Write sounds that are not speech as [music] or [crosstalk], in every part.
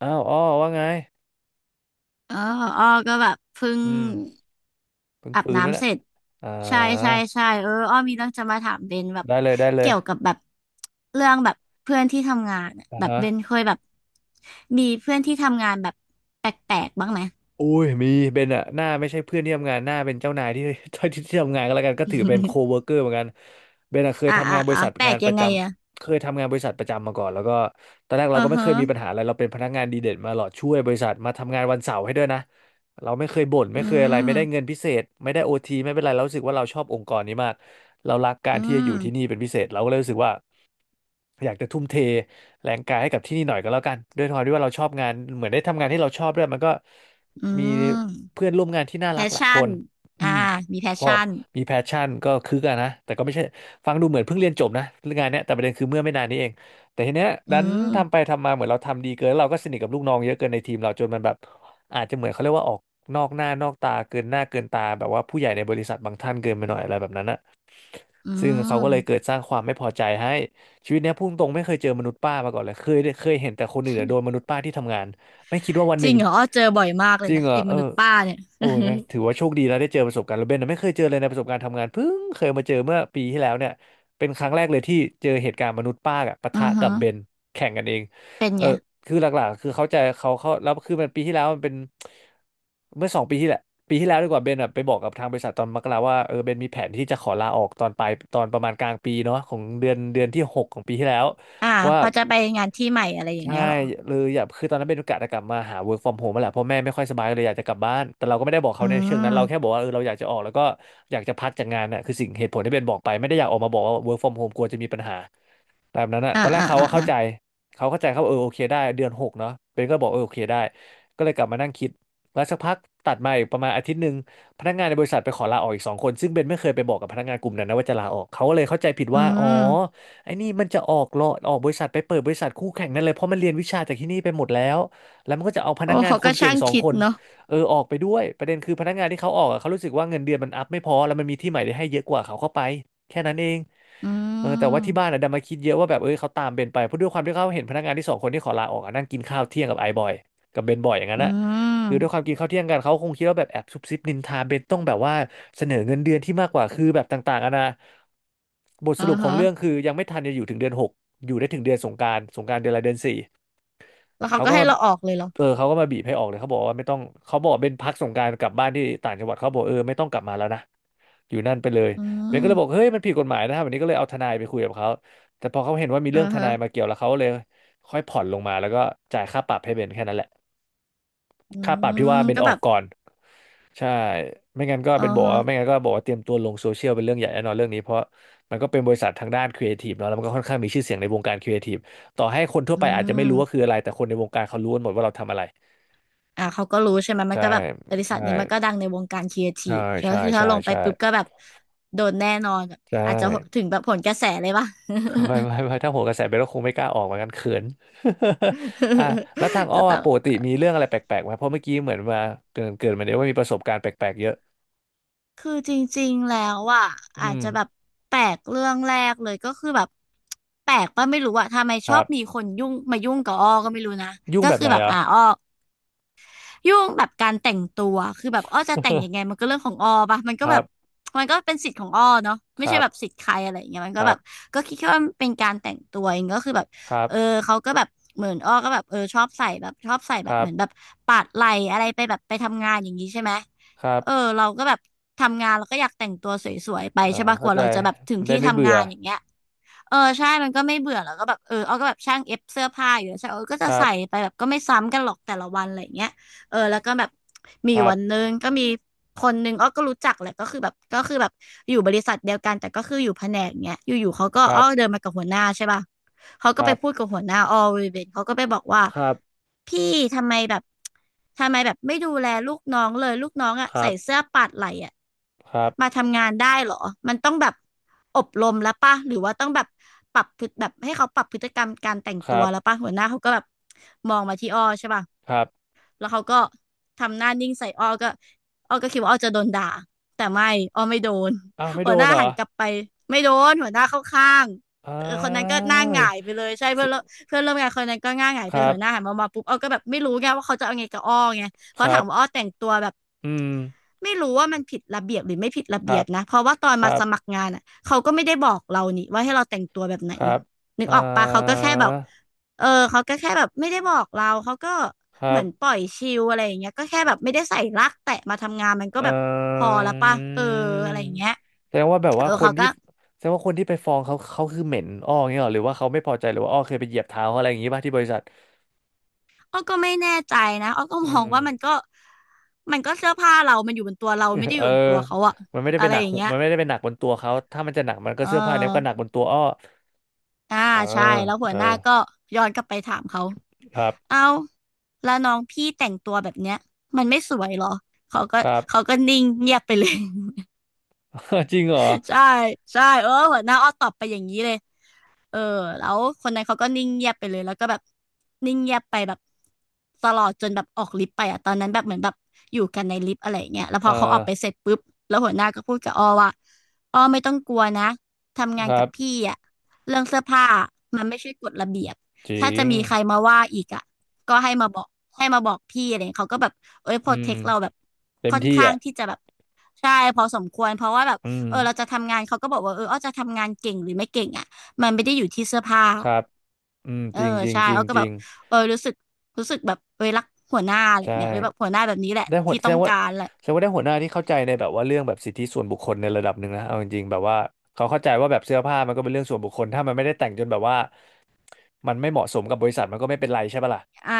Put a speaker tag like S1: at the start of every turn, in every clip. S1: อ้าวอ้อว่าไง
S2: เออของอ้อก็แบบเพิ่ง
S1: อืมเพิ่ง
S2: อาบ
S1: ฟื้นมา
S2: น้ำเส
S1: เน่ะ
S2: ร็จ
S1: อ่
S2: ใช่ใช่
S1: า
S2: ใช่เอออ้อมีเรื่องจะมาถามเบนแบบ
S1: ได้เลย ได้เล
S2: เกี่
S1: ย
S2: ยวกับแบบเรื่องแบบเพื่อนที่ทำงานอะ
S1: อ่า
S2: แบบ
S1: ฮะ
S2: เบนเคยแบบมีเพื่อนที่ทำงานแบบแปลกๆบ้างไหม
S1: อุ้ยมีเป็นอะหน้าไม่ใช่เพื่อนที่ทำงานหน้าเป็นเจ้านายที่ [laughs] ที่ที่ทำงานก็แล้วกันก็ถือเป็นโคเวิ
S2: [laughs]
S1: ร์กเกอร์เหมือนกันเบนอะเคย
S2: อ่า
S1: ทำงา
S2: อ่า
S1: นบริ
S2: อ่า
S1: ษัท
S2: แปล
S1: งา
S2: ก
S1: นป
S2: ยั
S1: ระ
S2: ง
S1: จ
S2: ไงอะ
S1: ำเคยทำงานบริษัทประจำมาก่อนแล้วก็ตอนแรก
S2: อื
S1: เรา
S2: อ
S1: ก็ไม่เค
S2: ฮะ
S1: ยมีปัญหาอะไรเราเป็นพนักงานดีเด่นมาหลอดช่วยบริษัทมาทำงานวันเสาร์ให้ด้วยนะเราไม่เคยบ่นไม่
S2: อื
S1: เคยอะไรไม่ได้เงิน
S2: ม
S1: พิเศษไม่ได้โอทีไม่เป็นไรเรารู้สึกว่าเราชอบองค์กรนี้มากเรารักการ
S2: อื
S1: ที่จะอ
S2: ม
S1: ยู่ที่นี่เป็นพิเศษเราก็เลยรู้สึกว่าอยากจะทุ่มเทแรงกายให้กับที่นี่หน่อยก็แล้วกันด้วยความที่ว่าเราชอบงานเหมือนได้ทำงานที่เราชอบด้วยมันก็
S2: อื
S1: มี
S2: ม
S1: เพื่อนร่วมงานที่น่า
S2: แพ
S1: รัก
S2: ช
S1: หลายค
S2: ชั่น
S1: นอื
S2: อ่า
S1: ม
S2: มีแพช
S1: พอ
S2: ชั่น
S1: มีแพชชั่นก็คือกันนะแต่ก็ไม่ใช่ฟังดูเหมือนเพิ่งเรียนจบนะเรื่องงานเนี้ยแต่ประเด็นคือเมื่อไม่นานนี้เองแต่ทีเนี้ย
S2: อื
S1: ดันทำไป
S2: ม
S1: ทำมาเหมือนเราทำดีเกินแล้วเราก็สนิทกับลูกน้องเยอะเกินในทีมเราจนมันแบบอาจจะเหมือนเขาเรียกว่าออกนอกหน้านอกตาเกินหน้าเกินตาแบบว่าผู้ใหญ่ในบริษัทบางท่านเกินไปหน่อยอะไรแบบนั้นะ
S2: อื
S1: ซึ่งเขาก็เลยเกิ
S2: ม
S1: ดสร้างความไม่พอใจให้ชีวิตเนี้ยพุ่งตรงไม่เคยเจอมนุษย์ป้ามาก่อนเลยเคยเห็นแต่คนอื่นอะโดนมนุษย์ป้าที่ทำงานไม่คิดว่าวันห
S2: จ
S1: นึ่
S2: ริ
S1: ง
S2: งเหรออ้อเจอบ่อยมากเล
S1: จ
S2: ย
S1: ริง
S2: นะ
S1: เหรอ
S2: ไอ้ม
S1: เออ
S2: นุษย์ป้าเนี่ย [laughs]
S1: โอ้
S2: อื
S1: ยงั้นถือว่าโชคดีแล้วได้เจอประสบการณ์แล้วเบนน่ะไม่เคยเจอเลยในประสบการณ์ทำงานเพิ่งเคยมาเจอเมื่อปีที่แล้วเนี่ยเป็นครั้งแรกเลยที่เจอเหตุการณ์มนุษย์ป้าอะปะ
S2: อ
S1: ทะ
S2: ฮึ
S1: กับเบนแข่งกันเอง
S2: เป็น
S1: เออ
S2: ไง
S1: คือหลักๆคือเขาใจเขาแล้วคือมันปีที่แล้วมันเป็นเมื่อ2 ปีที่แหละปีที่แล้วดีกว่าเบนอะไปบอกกับทางบริษัทตอนมกราว่าเออเบนมีแผนที่จะขอลาออกตอนปลายตอนประมาณกลางปีเนาะของเดือนที่หกของปีที่แล้ว
S2: อ่า
S1: ว่า
S2: พอจะไปงานที่ใหม่อะไรอย่าง
S1: ใช่
S2: เงี้ยเหรอ
S1: เลยอยากคือตอนนั้นเป็นโอกาสจะกลับมาหา work from home แลแหละเพราะแม่ไม่ค่อยสบายเลยอยากจะกลับบ้านแต่เราก็ไม่ได้บอก
S2: อื
S1: เขาในเชิงนั้นเราแค่บ
S2: ม
S1: อกว่าเออเราอยากจะออกแล้วก็อยากจะพักจากงานน่ะคือสิ่งเหตุผลที่เป็นบอกไปไม่ได้อยากออกมาบอกว่า work from home กลัวจะมีปัญหาแบบนั้นน่ะ
S2: อ่า
S1: ตอนแรก
S2: อ่า
S1: เขา
S2: อ่า
S1: ก็เข้า
S2: อ่า
S1: ใจเขาเข้าใจเขาเออโอเคได้เดือน 6เนาะเป็นก็บอกเออโอเคได้ก็เลยกลับมานั่งคิดแล้วสักพักตัดมาอีกประมาณอาทิตย์หนึ่งพนักงานในบริษัทไปขอลาออกอีก 2 คนซึ่งเบนไม่เคยไปบอกกับพนักงานกลุ่มนั้นนะว่าจะลาออกเขาก็เลยเข้าใจผิด
S2: อื
S1: ว่าอ๋อ
S2: ม
S1: ไอ้นี่มันจะออกบริษัทไปเปิดบริษัทคู่แข่งนั่นเลยเพราะมันเรียนวิชาจากที่นี่ไปหมดแล้วแล้วมันก็จะเอาพนั
S2: โอ้
S1: กงาน
S2: เขา
S1: ค
S2: ก็
S1: นเก่ง
S2: ช่าง
S1: สอง
S2: คิ
S1: ค
S2: ด
S1: น
S2: เนาะ
S1: เออออกไปด้วยประเด็นคือพนักงานที่เขาออกอะเขารู้สึกว่าเงินเดือนมันอัพไม่พอแล้วมันมีที่ใหม่ได้ให้เยอะกว่าเขาเข้าไปแค่นั้นเอง
S2: อื
S1: เออแต่ว่าที่บ้า
S2: ม
S1: นอะดันมาคิดเยอะว่าแบบเออเขาตามเบนไปเพราะด้วยความที่เขาเห็นพนักงานที่สองคนที่ขอลาออกอะนั่งกินข้าวเที่ยงกับไอ้บอยกับเบนบ่อยอย่างนั้
S2: อื
S1: นอะ
S2: ม
S1: คือด้วยความกินข้าวเที่ยงกันเขาคงคิดว่าแบบแอบซุบซิบนินทาเบนต้องแบบว่าเสนอเงินเดือนที่มากกว่าคือแบบต่างๆอะนะบทส
S2: อ่า
S1: รุปของ
S2: ฮะ
S1: เรื่องคือยังไม่ทันจะอยู่ถึงเดือนหกอยู่ได้ถึงเดือนสงกรานต์สงกรานต์เดือนละเดือนสี่
S2: แล้วเขา
S1: เขา
S2: ก็
S1: ก็
S2: ให้
S1: มา
S2: เราออกเลยเหรอ
S1: เขาก็มาบีบให้ออกเลยเขาบอกว่าไม่ต้องเขาบอกเป็นพักสงกรานต์กลับบ้านที่ต่างจังหวัดเขาบอกเออไม่ต้องกลับมาแล้วนะอยู่นั่นไปเลย
S2: อื
S1: เบนก็เลยบอก
S2: ม
S1: เฮ้ยมันผิดกฎหมายนะครับวันนี้ก็เลยเอาทนายไปคุยกับเขาแต่พอเขาเห็นว่ามี
S2: อ่า
S1: เรื่องทนา
S2: ฮะ
S1: ยมาเกี่ยวแล้วเขาเลยค่อยผ่อนลงมาแล้วก็จ่ายค่าปรับให้เบนแค่นั้นแหละ
S2: อื
S1: ค่าปรับที่ว่า
S2: ม
S1: เป็น
S2: ก็
S1: ออ
S2: แบ
S1: ก
S2: บ
S1: ก่อนใช่ไม่งั้นก็
S2: อ่า
S1: เป็นบอก
S2: ฮะ
S1: ว่าไม่งั้นก็บอกว่าเตรียมตัวลงโซเชียลเป็นเรื่องใหญ่แน่นอนเรื่องนี้เพราะมันก็เป็นบริษัททางด้านครีเอทีฟเนาะแล้วมันก็ค่อนข้างมีชื่อเสียงในวงการครีเอทีฟต่อให้คนทั่ว
S2: อื
S1: ไปอาจจะไม่รู้ว่าคื
S2: ม
S1: ออะไรแต่คนในวงการเขารู้กันหมดว่าเราทำอะไร
S2: อ่าเขาก็รู้ใช่ไหมมัน
S1: ใช่
S2: ก็แบบบริษัท
S1: ใช่
S2: นี้มันก็ดังในวงการครีเอที
S1: ใช่
S2: ฟก็
S1: ใช่
S2: คือถ้า
S1: ใช่
S2: ลงไป
S1: ใช่
S2: ปุ๊บก็แบบโดนแน่นอน
S1: ใช่
S2: อาจจะถึงแบบผลกระแสเลยป่ะ
S1: ไม่ไม่ไม่ถ้าโหนกระแสไปก็คงไม่กล้าออกเหมือนกันเขิน [laughs] อ่ะแล้วทาง
S2: [laughs]
S1: อ้อ
S2: จะต้
S1: อะ
S2: อง
S1: ปกติมีเรื่องอะไรแปลกๆไหมเพราะเมื่อกี้เหมือนมาเกินมาเนี่ยว่ามีประสบการณ์แปลกๆเยอะ
S2: คือจริงๆ แล้วอ่ะ
S1: อื
S2: อาจ
S1: ม
S2: จะแบบแปลกเรื่องแรกเลยก็คือแบบแปลกป่ะไม่รู้อ่ะทำไม
S1: ค
S2: ชอ
S1: รั
S2: บมี
S1: บ
S2: คนยุ่งมายุ่งกับอ้อก็ไม่รู้นะ
S1: ยุ่ง
S2: ก็
S1: แบบ
S2: คือ
S1: ไหน
S2: แบบ
S1: เหรอ
S2: อ้อ ยุ่งแบบการแต่งตัวคือแบบอ้อจะแต่งยังไงมันก็เรื่องของอ้อปะมันก็
S1: ค
S2: แบ
S1: รั
S2: บ
S1: บ
S2: มันก็เป็นสิทธิ์ของอ้อเนาะ
S1: ค
S2: ไม่ใช่
S1: รับ
S2: แบบสิทธิ์ใครอะไรอย่างเงี้ยมัน
S1: ค
S2: ก็
S1: รั
S2: แบบ
S1: บ
S2: ก็คิดแค่ว่ามันเป็นการแต่งตัวเองก็คือแบบ
S1: ครับ
S2: เออเขาก็แบบเหมือนอ้อก็แบบเออชอบใส่แบบชอบใส่แบ
S1: ค
S2: บ
S1: รั
S2: เห
S1: บ
S2: มือนแบบปาดไหล่อะไรไปแบบไปทำงานอย่างนี้ใช่ไหม
S1: ครับ
S2: เออเราก็แบบทำงานเราก็อยากแต่งตัวสวยๆไปใช่
S1: เอ่า
S2: ปะก
S1: เข้า
S2: ว่า
S1: ใจ
S2: เราจะแบบถึง
S1: มันได้
S2: ที่
S1: ไม่
S2: ทำ
S1: เบื่
S2: งา
S1: อ
S2: นอย่างเงี้ย เออใช่มันก็ไม่เบื่อแล้วก็แบบเออเอาก็แบบช่างเอฟเสื้อผ้าอยู่แล้วใช่เออก็
S1: ค
S2: จะ
S1: รับ
S2: ใส่ไปแบบก็ไม่ซ้ำกันหรอกแต่ละวันอะไรอย่างเงี้ยเออแล้วก็แบบมี
S1: ค
S2: อยู่
S1: รั
S2: วันห
S1: บ
S2: นึงก็มีคนหนึงอ้อก็รู้จักแหละก็คือแบบก็คือแบบอยู่บริษัทเดียวกันแต่ก็คืออยู่แผนกเงี้ยอยู่ๆเขาก็
S1: ครั
S2: อ้อเดิ
S1: บ
S2: นมากับหัวหน้าใช่ป่ะเขา
S1: ค
S2: ก็
S1: รั
S2: ไปพูด
S1: บ
S2: กับหัวหน้าอ้อเวเบนเขาก็ไปบอกว่า
S1: ครับ
S2: พี่ทำไมแบบทำไมแบบไม่ดูแลลูกน้องเลยลูกน้องอะ
S1: ครั
S2: ใส่
S1: บ
S2: เสื้อปาดไหล่อะ
S1: ครับ
S2: มาทำงานได้เหรอ มันต้องแบบอบรมแล้วป่ะ หรือว่าต้องแบบปรับพฤติแบบให้เขาปรับพฤติกรรมการแต่ง
S1: ค
S2: ตั
S1: รั
S2: ว
S1: บ
S2: แล้วป่ะ หัวหน้าเขาก็แบบมองมาที่อ้อใช่ป่ะ
S1: ครับ
S2: แล้วเขาก็ทำหน้านิ่งใส่อ้อก็อ้อก็คิดว่าอ้อจะโดนด่าแต่ไม่อ้อไม่โดน
S1: อ้าวไม่
S2: [laughs] หั
S1: โด
S2: วห
S1: น
S2: น้า
S1: เหรอ
S2: หันกลับไปไม่โดนหัวหน้าเข้าข้าง
S1: อ้า
S2: คนนั้นก็หน้า
S1: ว
S2: หงายไปเลยใช่
S1: ส
S2: เพื่อนเพื่อนร่วมงานคนนั้นก็หน้าหงาย
S1: ค
S2: ไป
S1: รับ
S2: เหัวหน้าหันมามาปุ๊บอ้อก็แบบไม่รู้ไงว่าเขาจะเอาไงกับอ้อไงเพ
S1: ค
S2: ราะ
S1: รั
S2: ถาม
S1: บ
S2: ว่าอ้อแต่งตัวแบบ
S1: อืม
S2: ไม่รู้ว่ามันผิดระเบียบหรือไม่ผิดระ
S1: ค
S2: เบี
S1: รั
S2: ย
S1: บ
S2: บนะเพราะว่าตอน
S1: ค
S2: มา
S1: รับ
S2: สมัครงานอ่ะเขาก็ไม่ได้บอกเรานี่ว่าให้เราแต่งตัวแบบไหน
S1: ครับ
S2: นึก
S1: อ่
S2: ออกปะเขาก็
S1: า
S2: แค่แบบ เออเขาก็แค่แบบไม่ได้บอกเราเขาก็
S1: ค
S2: เห
S1: รั
S2: มือ
S1: บ
S2: นปล่อยชิลอะไรอย่างเงี้ยก็แค่แบบไม่ได้ใส่ลักแตะมาทำงานมันก็
S1: เอ
S2: แบบพอแล้วป่ะเออ
S1: อ
S2: อะไรอย่างเงี้ย
S1: แสดงว่าแบบ
S2: เอ
S1: ว่า
S2: อ
S1: คน
S2: เขา
S1: ที่
S2: ก็
S1: แสดงว่าคนที่ไปฟ้องเขาเขาคือเหม็นอ้ออย่างเงี้ยเหรอหรือว่าเขาไม่พอใจหรือว่าอ้อเคยไปเหยียบเท้าเขาอะไรอย่างงี้ป่ะที่บริษัท
S2: อ้อก็ไม่แน่ใจนะอ้อก็
S1: อื
S2: มอง
S1: ม
S2: ว่ามันก็มันก็เสื้อผ้าเรามันอยู่บนตัวเราไม่ได้
S1: [laughs]
S2: อ
S1: เอ
S2: ยู่
S1: อ
S2: บนตัวเขาอะ
S1: มันไม่ได้
S2: อะ
S1: เป็น
S2: ไร
S1: หนัก
S2: อย่าง
S1: หู
S2: เงี้ย
S1: มันไม่ได้เป็นหนักบนตัวเขาถ้ามันจะหนักมันก็
S2: เอ
S1: เสื้อผ้าเนี้ยมันก็หนัก
S2: อ
S1: บนตัวอ้อ
S2: อ่า
S1: เออ
S2: ใช่แล้วหั
S1: เอ
S2: ว
S1: อ
S2: หน้าก็ย้อนกลับไปถามเขา
S1: ครับ
S2: เอาแล้วน้องพี่แต่งตัวแบบเนี้ยมันไม่สวยเหรอเขาก็
S1: ครับ
S2: เขาก็นิ่งเงียบไปเลย
S1: [laughs] จริงเหรอ
S2: ใช่ ใช่เออหัวหน้าอ้อตอบไปอย่างนี้เลย เออแล้วคนนั้นเขาก็นิ่งเงียบไปเลยแล้วก็แบบนิ่งเงียบไปแบบตลอดจนแบบออกลิฟต์ไปอ่ะตอนนั้นแบบเหมือนแบบอยู่กันในลิฟต์อะไรอย่างเงี้ยแล้วพ
S1: เอ
S2: อเขาออ
S1: อ
S2: กไปเสร็จปุ๊บแล้วหัวหน้าก็พูดกับอ้อว่าอ้อไม่ต้องกลัวนะทำงาน
S1: ครั
S2: กับ
S1: บ
S2: พี่อ่ะเรื่องเสื้อผ้ามันไม่ใช่กฎระเบียบ
S1: จริ
S2: ถ้าจะ
S1: ง
S2: มีใครมาว่าอีกอ่ะก็ให้มาบอกให้มาบอกพี่อะไรเงี้ยเขาก็แบบเอ้ยโป
S1: อื
S2: รเท
S1: ม
S2: คเราแบบ
S1: เต็ม
S2: ค่อน
S1: ที่
S2: ข้าง
S1: อ่ะ
S2: ที่จะแบบใช่พอสมควรเพราะว่าแบบ
S1: อืม
S2: เออเราจะทำงานเขาก็บอกว่าเอออ้อจะทำงานเก่งหรือไม่เก่งอ่ะ มันไม่ได้อยู่ที่เสื้อผ้า
S1: ครับอืม
S2: เออ
S1: จริงจริง
S2: ใช่
S1: จริง
S2: เอาก็
S1: จ
S2: แบ
S1: ริ
S2: บ
S1: ง
S2: เออรู้สึกรู้สึกแบบ เออรักหัวหน้าอะไร
S1: ใช่
S2: เงี้ยเออแบบหัวหน้าแบบนี้แหละ
S1: ได้หัว
S2: ที่
S1: แส
S2: ต้
S1: ด
S2: อง
S1: งว่า
S2: การแหละ
S1: แสดงว่าได้หัวหน้าที่เข้าใจในแบบว่าเรื่องแบบสิทธิส่วนบุคคลในระดับหนึ่งนะเอาจริงๆแบบว่าเขาเข้าใจว่าแบบเสื้อผ้ามันก็เป็นเรื่องส่วนบุคคลถ้ามันไม่ได้แต่งจนแบบว่ามันไม่เหมาะสมกับบริษัทมันก็ไม่เป็นไรใช่ปะล่ะ
S2: อ่า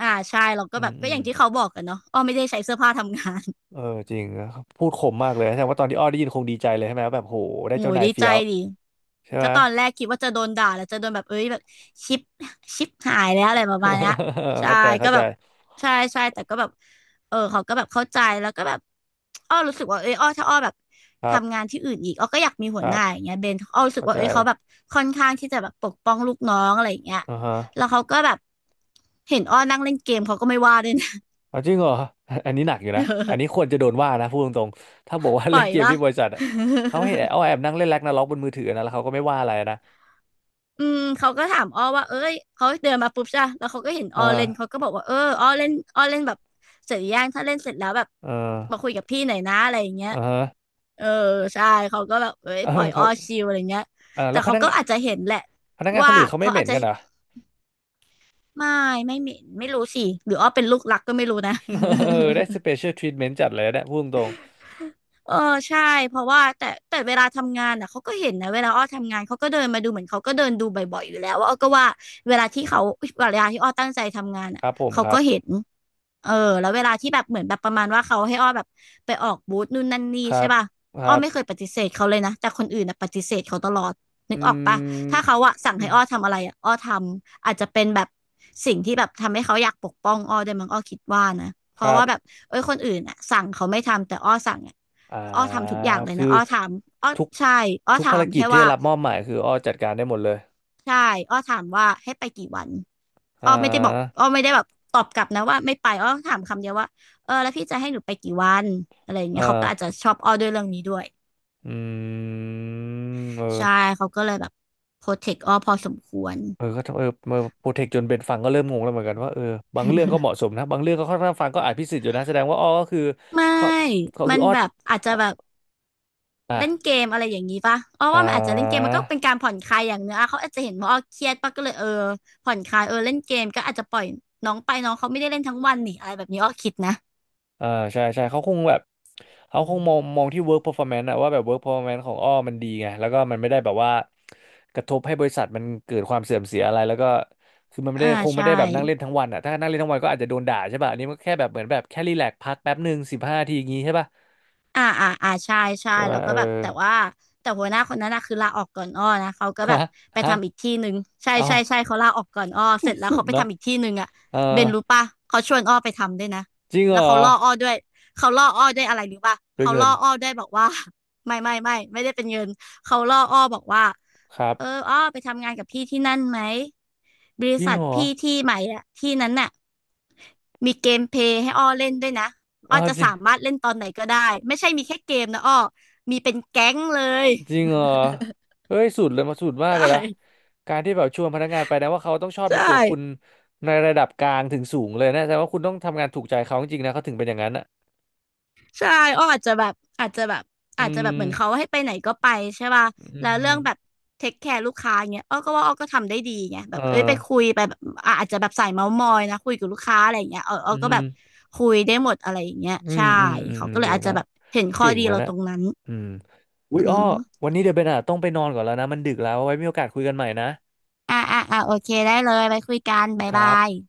S2: ใช่เราก็
S1: อื
S2: แบ
S1: ม
S2: บ
S1: อื
S2: ก็อ
S1: ม
S2: ย่างที่เขาบอกกันเนาะอ้อไม่ได้ใช้เสื้อผ้าทำงาน
S1: เออจริงนะครับพูดคมมากเลยแสดงว่าตอนที่อ้อได้ยินคงดีใจเลยใช่ไหมว่าแบบโหได้
S2: โอ้
S1: เจ้า
S2: ย
S1: นาย
S2: ดี
S1: เฟี้
S2: ใจ
S1: ยว
S2: ดิ
S1: ใช่ไห
S2: ก็
S1: ม
S2: ตอนแรกคิดว่าจะโดนด่าแล้วจะโดนแบบเอ้ยแบบชิปชิปหายแล้วอะไรประมาณเนี้ย
S1: [laughs]
S2: ใช่
S1: เข้าใจเข้า
S2: ก็
S1: ใจ
S2: แบบใช่ใช่แต่ก็แบบเออเขาก็แบบเข้าใจแล้วก็แบบอ้อรู้สึกว่าเอ้ยอ้อถ้าอ้อแบบ
S1: ครับ
S2: ทำงานที่อื่นอีกอ้อก็อยากมี
S1: ค
S2: หัวห
S1: รั
S2: น้า
S1: บ
S2: อย่างเงี้ยเบนอ้อรู้สึ
S1: เข้า
S2: กว่า
S1: ใจ
S2: เอ้ยเขาแบบค่อนข้างที่จะแบบปกป้องลูกน้องอะไรอย่างเงี้ย
S1: อ่าฮะ
S2: แล้วเขาก็แบบเห็นอ้อนั่งเล่นเกมเขาก็ไม่ว่าด้วยนะ
S1: อ๋อจริงเหรอ [laughs] อันนี้หนักอยู่นะ อันนี้
S2: [laughs] เออ
S1: ควรจะโดนว่านะพูดตรงๆถ้าบอกว่า
S2: ป
S1: เล่
S2: ล่อ
S1: น
S2: ย
S1: เกม
S2: ปะ
S1: ที่บริษัทอะเขาให้เอา
S2: [laughs]
S1: แอบนั่งเล่นแร็กนาร็อกบนมือถือนะแล้วเขาก็ไม่ว่าอะไรนะ
S2: อืมเขาก็ถามอ้อว่าเอ้ยเขาเดินมาปุ๊บจ้่ะแล้วเขาก็เห็น
S1: เอ
S2: อ้
S1: อ
S2: อเล่นเขาก็บอกว่าเอออ้อเล่นอ้อเล่นแบบเสร็จหรือยังถ้าเล่นเสร็จแล้วแบบ
S1: เออ
S2: มาคุยกับพี่หน่อยนะอะไรอย่างเงี้ย
S1: เออ [laughs]
S2: เออใช่เขาก็แบบเอ้ย
S1: เออ
S2: ปล่อยอ้
S1: เขา
S2: อชิลอะไรเงี้ย
S1: เออ
S2: แต่
S1: แล้วพ
S2: เขา
S1: นัก
S2: ก็
S1: งาน
S2: อาจจะเห็นแหละ
S1: ค
S2: ว่า
S1: นอื่นเขาไม่
S2: เขา
S1: เห
S2: อา
S1: ม็
S2: จ
S1: น
S2: จะ
S1: กันเหรอ
S2: ไม่ไม่เหม็นไม่รู้สิหรืออ้อเป็นลูกรักก็ไม่รู้นะ
S1: [laughs] เออ
S2: [laughs]
S1: [laughs] ได้สเปเชียลทรีทเมนต์จัดเลยนะพูดตรง
S2: เออใช่เพราะว่าแต่เวลาทำงานน่ะเขาก็เห็นนะเวลาอ้อทำงานเขาก็เดินมาดูเหมือนเขาก็เดินดูบ่อยๆอยู่แล้วว่าอ้อก็ว่าเวลาที่เขาเวลาที่อ้อตั้งใจทำงาน
S1: ๆค
S2: อ่ะ
S1: รับผม
S2: เขา
S1: ครั
S2: ก็
S1: บ
S2: เห็น เออแล้วเวลาที่แบบเหมือนแบบประมาณว่าเขาให้อ้อแบบไปออกบูธนู่นนั่นนี่
S1: ครั
S2: ใช่
S1: บ
S2: ป่ะ
S1: ค
S2: อ้อ
S1: รับ
S2: ไม่เคยปฏิเสธเขาเลยนะแต่คนอื่นนะปฏิเสธเขาตลอดนึ
S1: อื
S2: กออกปะถ้าเขา
S1: ม
S2: อะสั่งให้อ้อทำอะไรอะอ้อทำอาจจะเป็นแบบสิ่งที่แบบทำให้เขาอยากปกป้องอ้อได้วยมั้งอ้อคิดว่านะเพ
S1: ค
S2: ราะ
S1: รับ
S2: ว่าแบบเอ้ยคนอื่นอะสั่งเขาไม่ทำแต่อ้อสั่งอะ
S1: อ่า
S2: อ้อทำทุกอย่างเลย
S1: คือ
S2: นะอ้อถามอ้อ
S1: ทุก
S2: ใช่อ้อถา
S1: ภาร
S2: ม
S1: กิจ
S2: แค่
S1: ที่
S2: ว่า
S1: ได้รับมอบหมายคืออ้อจัดการได้หมดเลย
S2: ใช่อ้อถามว่าให้ไปกี่วัน
S1: อ่
S2: อ้อไม่ได้บอก
S1: า
S2: อ้อไม่ได้แบบตอบกลับนะว่าไม่ไปอ้อถามคำเดียวว่าเออแล้วพี่จะให้หนูไปกี่วันอะไรอย่าง
S1: เอ
S2: เงี้ยเขาก็
S1: อ
S2: อาจจะชอบอ้อด้วยเรื่องนี้ด้วย
S1: อืมเออ
S2: ใช่เขาก็เลยแบบโปรเทคอ้อพอสมควร
S1: เออก็เออเออโปรเทคจนเบนฟังก็เริ่มงงแล้วเหมือนกันว่าเออบางเรื่องก็เหมาะสมนะบางเรื่องก็ค่อนข้างฟังก็อาจพิสิทธิ์อยู่นะแสดงว่าอ้อก็คือ
S2: ไม่
S1: เขาเขา
S2: มั
S1: คือ
S2: น
S1: อ้อ
S2: แบบอาจจะ
S1: อ้อ
S2: แบบเล่น
S1: อ่ะ
S2: เกมอะไรอย่างนี้ป่ะอ้อ
S1: อ่
S2: ว่ามันอาจจะเล่นเกม
S1: า
S2: มันก็เป็นการผ่อนคลายอย่างเนื้อะเขาอาจจะเห็นว่าอ้อเครียดป่ะก็เลยเออผ่อนคลายเออเล่นเกมก็อาจจะปล่อยน้องไปน้องเขาไม่ได้เล่นทั้งวันนี่อะไรแบบนี้อ้อคิดนะ
S1: อ่าใช่ใช่เขาคงแบบเขาคงมองที่ work performance อะว่าแบบ work performance ของอ้อมันดีไงแล้วก็มันไม่ได้แบบว่ากระทบให้บริษัทมันเกิดความเสื่อมเสียอะไรแล้วก็คือมันไม่
S2: อ่า
S1: ได้คงไม่
S2: ใช่
S1: ได้แบบนั่งเล่นทั้งวันอะถ้านั่งเล่นทั้งวันก็อาจจะโดนด่าใช่ป่ะอันนี้มันแค่แบบเหมือนแบบแค่รีแลกซ์พักแป๊บหนึ่งสิบห้าทีอย่างงี้ใช่ป่ะ
S2: ใช่ใช่
S1: ใช่ไหม
S2: แล้ว
S1: เอ
S2: ก็
S1: อ
S2: แบบแต่ว่าแต่หัวหน้าคนนั้นนะคือลาออกก่อนอ้อนะเขาก็แบ
S1: ฮะ
S2: บไป
S1: ฮะ
S2: ทำอีกที่หนึ่งใช่
S1: เอา
S2: ใช่ใช่เขาลาออกก่อนอ้อเสร็จแล้ว
S1: สุด
S2: เขาไป
S1: นะ
S2: ทำอีกที่หนึ่งอ่ะ
S1: เออ
S2: เบนรู้ปะเขาชวนอ้อไปทำด้วยนะ
S1: จริงเห
S2: แล้
S1: ร
S2: ว
S1: อ
S2: เขาล่ออ้อด้วยเขาล่ออ้อด้วยอะไรรู้ปะ
S1: ด้วย
S2: เขา
S1: เงิ
S2: ล่
S1: น
S2: ออ้อด้วยบอกว่า [laughs] ไม่ได้เป็นเงินเขาล่ออ้อบอกว่า
S1: ครั
S2: เออ
S1: บ
S2: อ้อไปทำงานกับพี่ที่นั่นไหมบ
S1: จ
S2: ริ
S1: ริง
S2: ษัท
S1: เหรอ
S2: พี่ที่ใหม่อะที่นั้นน่ะมีเกมเพลย์ให้อ้อเล่นด้วยนะ อ้อ
S1: เอา
S2: จะ
S1: จริง
S2: สามารถเล่นตอนไหนก็ได้ไม่ใช่มีแค่เกมนะอ้อมีเป็นแก๊งเลย
S1: จริงเหรอเฮ้ยสุดเลยมาสุดมา
S2: ใช
S1: กเลยนะ
S2: ่
S1: การที่แบบชวนพนักงานไปนะว่าเขาต้องชอบ
S2: ใช
S1: ในตัวคุณ
S2: ่
S1: ในระดับกลางถึงสูงเลยนะแต่ว่าคุณต้องทำงานถูกใจเขาจริงๆนะเขาถึงเป็นอย่างนั้นอ่ะ
S2: ใช่อ้ออาจจะแบบอาจจะแบบ
S1: อื
S2: อาจจะแบบเหมือนเขา
S1: ม
S2: ให้ไปไหนก็ไปใช่ป่ะ
S1: อื
S2: แล้วเรื่องแบบ
S1: ม
S2: เทคแคร์ลูกค้าเงี้ยอ้อก็ว่าอ้อก็ทำได้ดีไงแบ
S1: เออ
S2: บเอ้ยไปคุยไปแบบอ่ะอาจจะแบบสายเมาท์มอยนะคุยกับลูกค้าอะไรอย่างเงี้ยเอออ้
S1: อื
S2: อก็แบบ
S1: ม
S2: คุยได้หมดอะไรอย่างเงี้ย
S1: อืม
S2: ใช่
S1: อืมอืม
S2: เขา
S1: อืม
S2: ก็เลย
S1: เก่ง
S2: อาจจะ
S1: มาก
S2: แบบเห็นข้อ
S1: เก่ง
S2: ดี
S1: ไว้
S2: เรา
S1: นะ
S2: ตรงนั้น
S1: อืมอุ๊ย
S2: อื
S1: อ้อ
S2: ม
S1: วันนี้เดี๋ยวเบนอ่ะต้องไปนอนก่อนแล้วนะมันดึกแล้วไว้มีโอกาสคุยกันใหม่นะ
S2: โอเคได้เลยไปคุยกันบ๊าย
S1: ค
S2: บา
S1: รั
S2: ย
S1: บ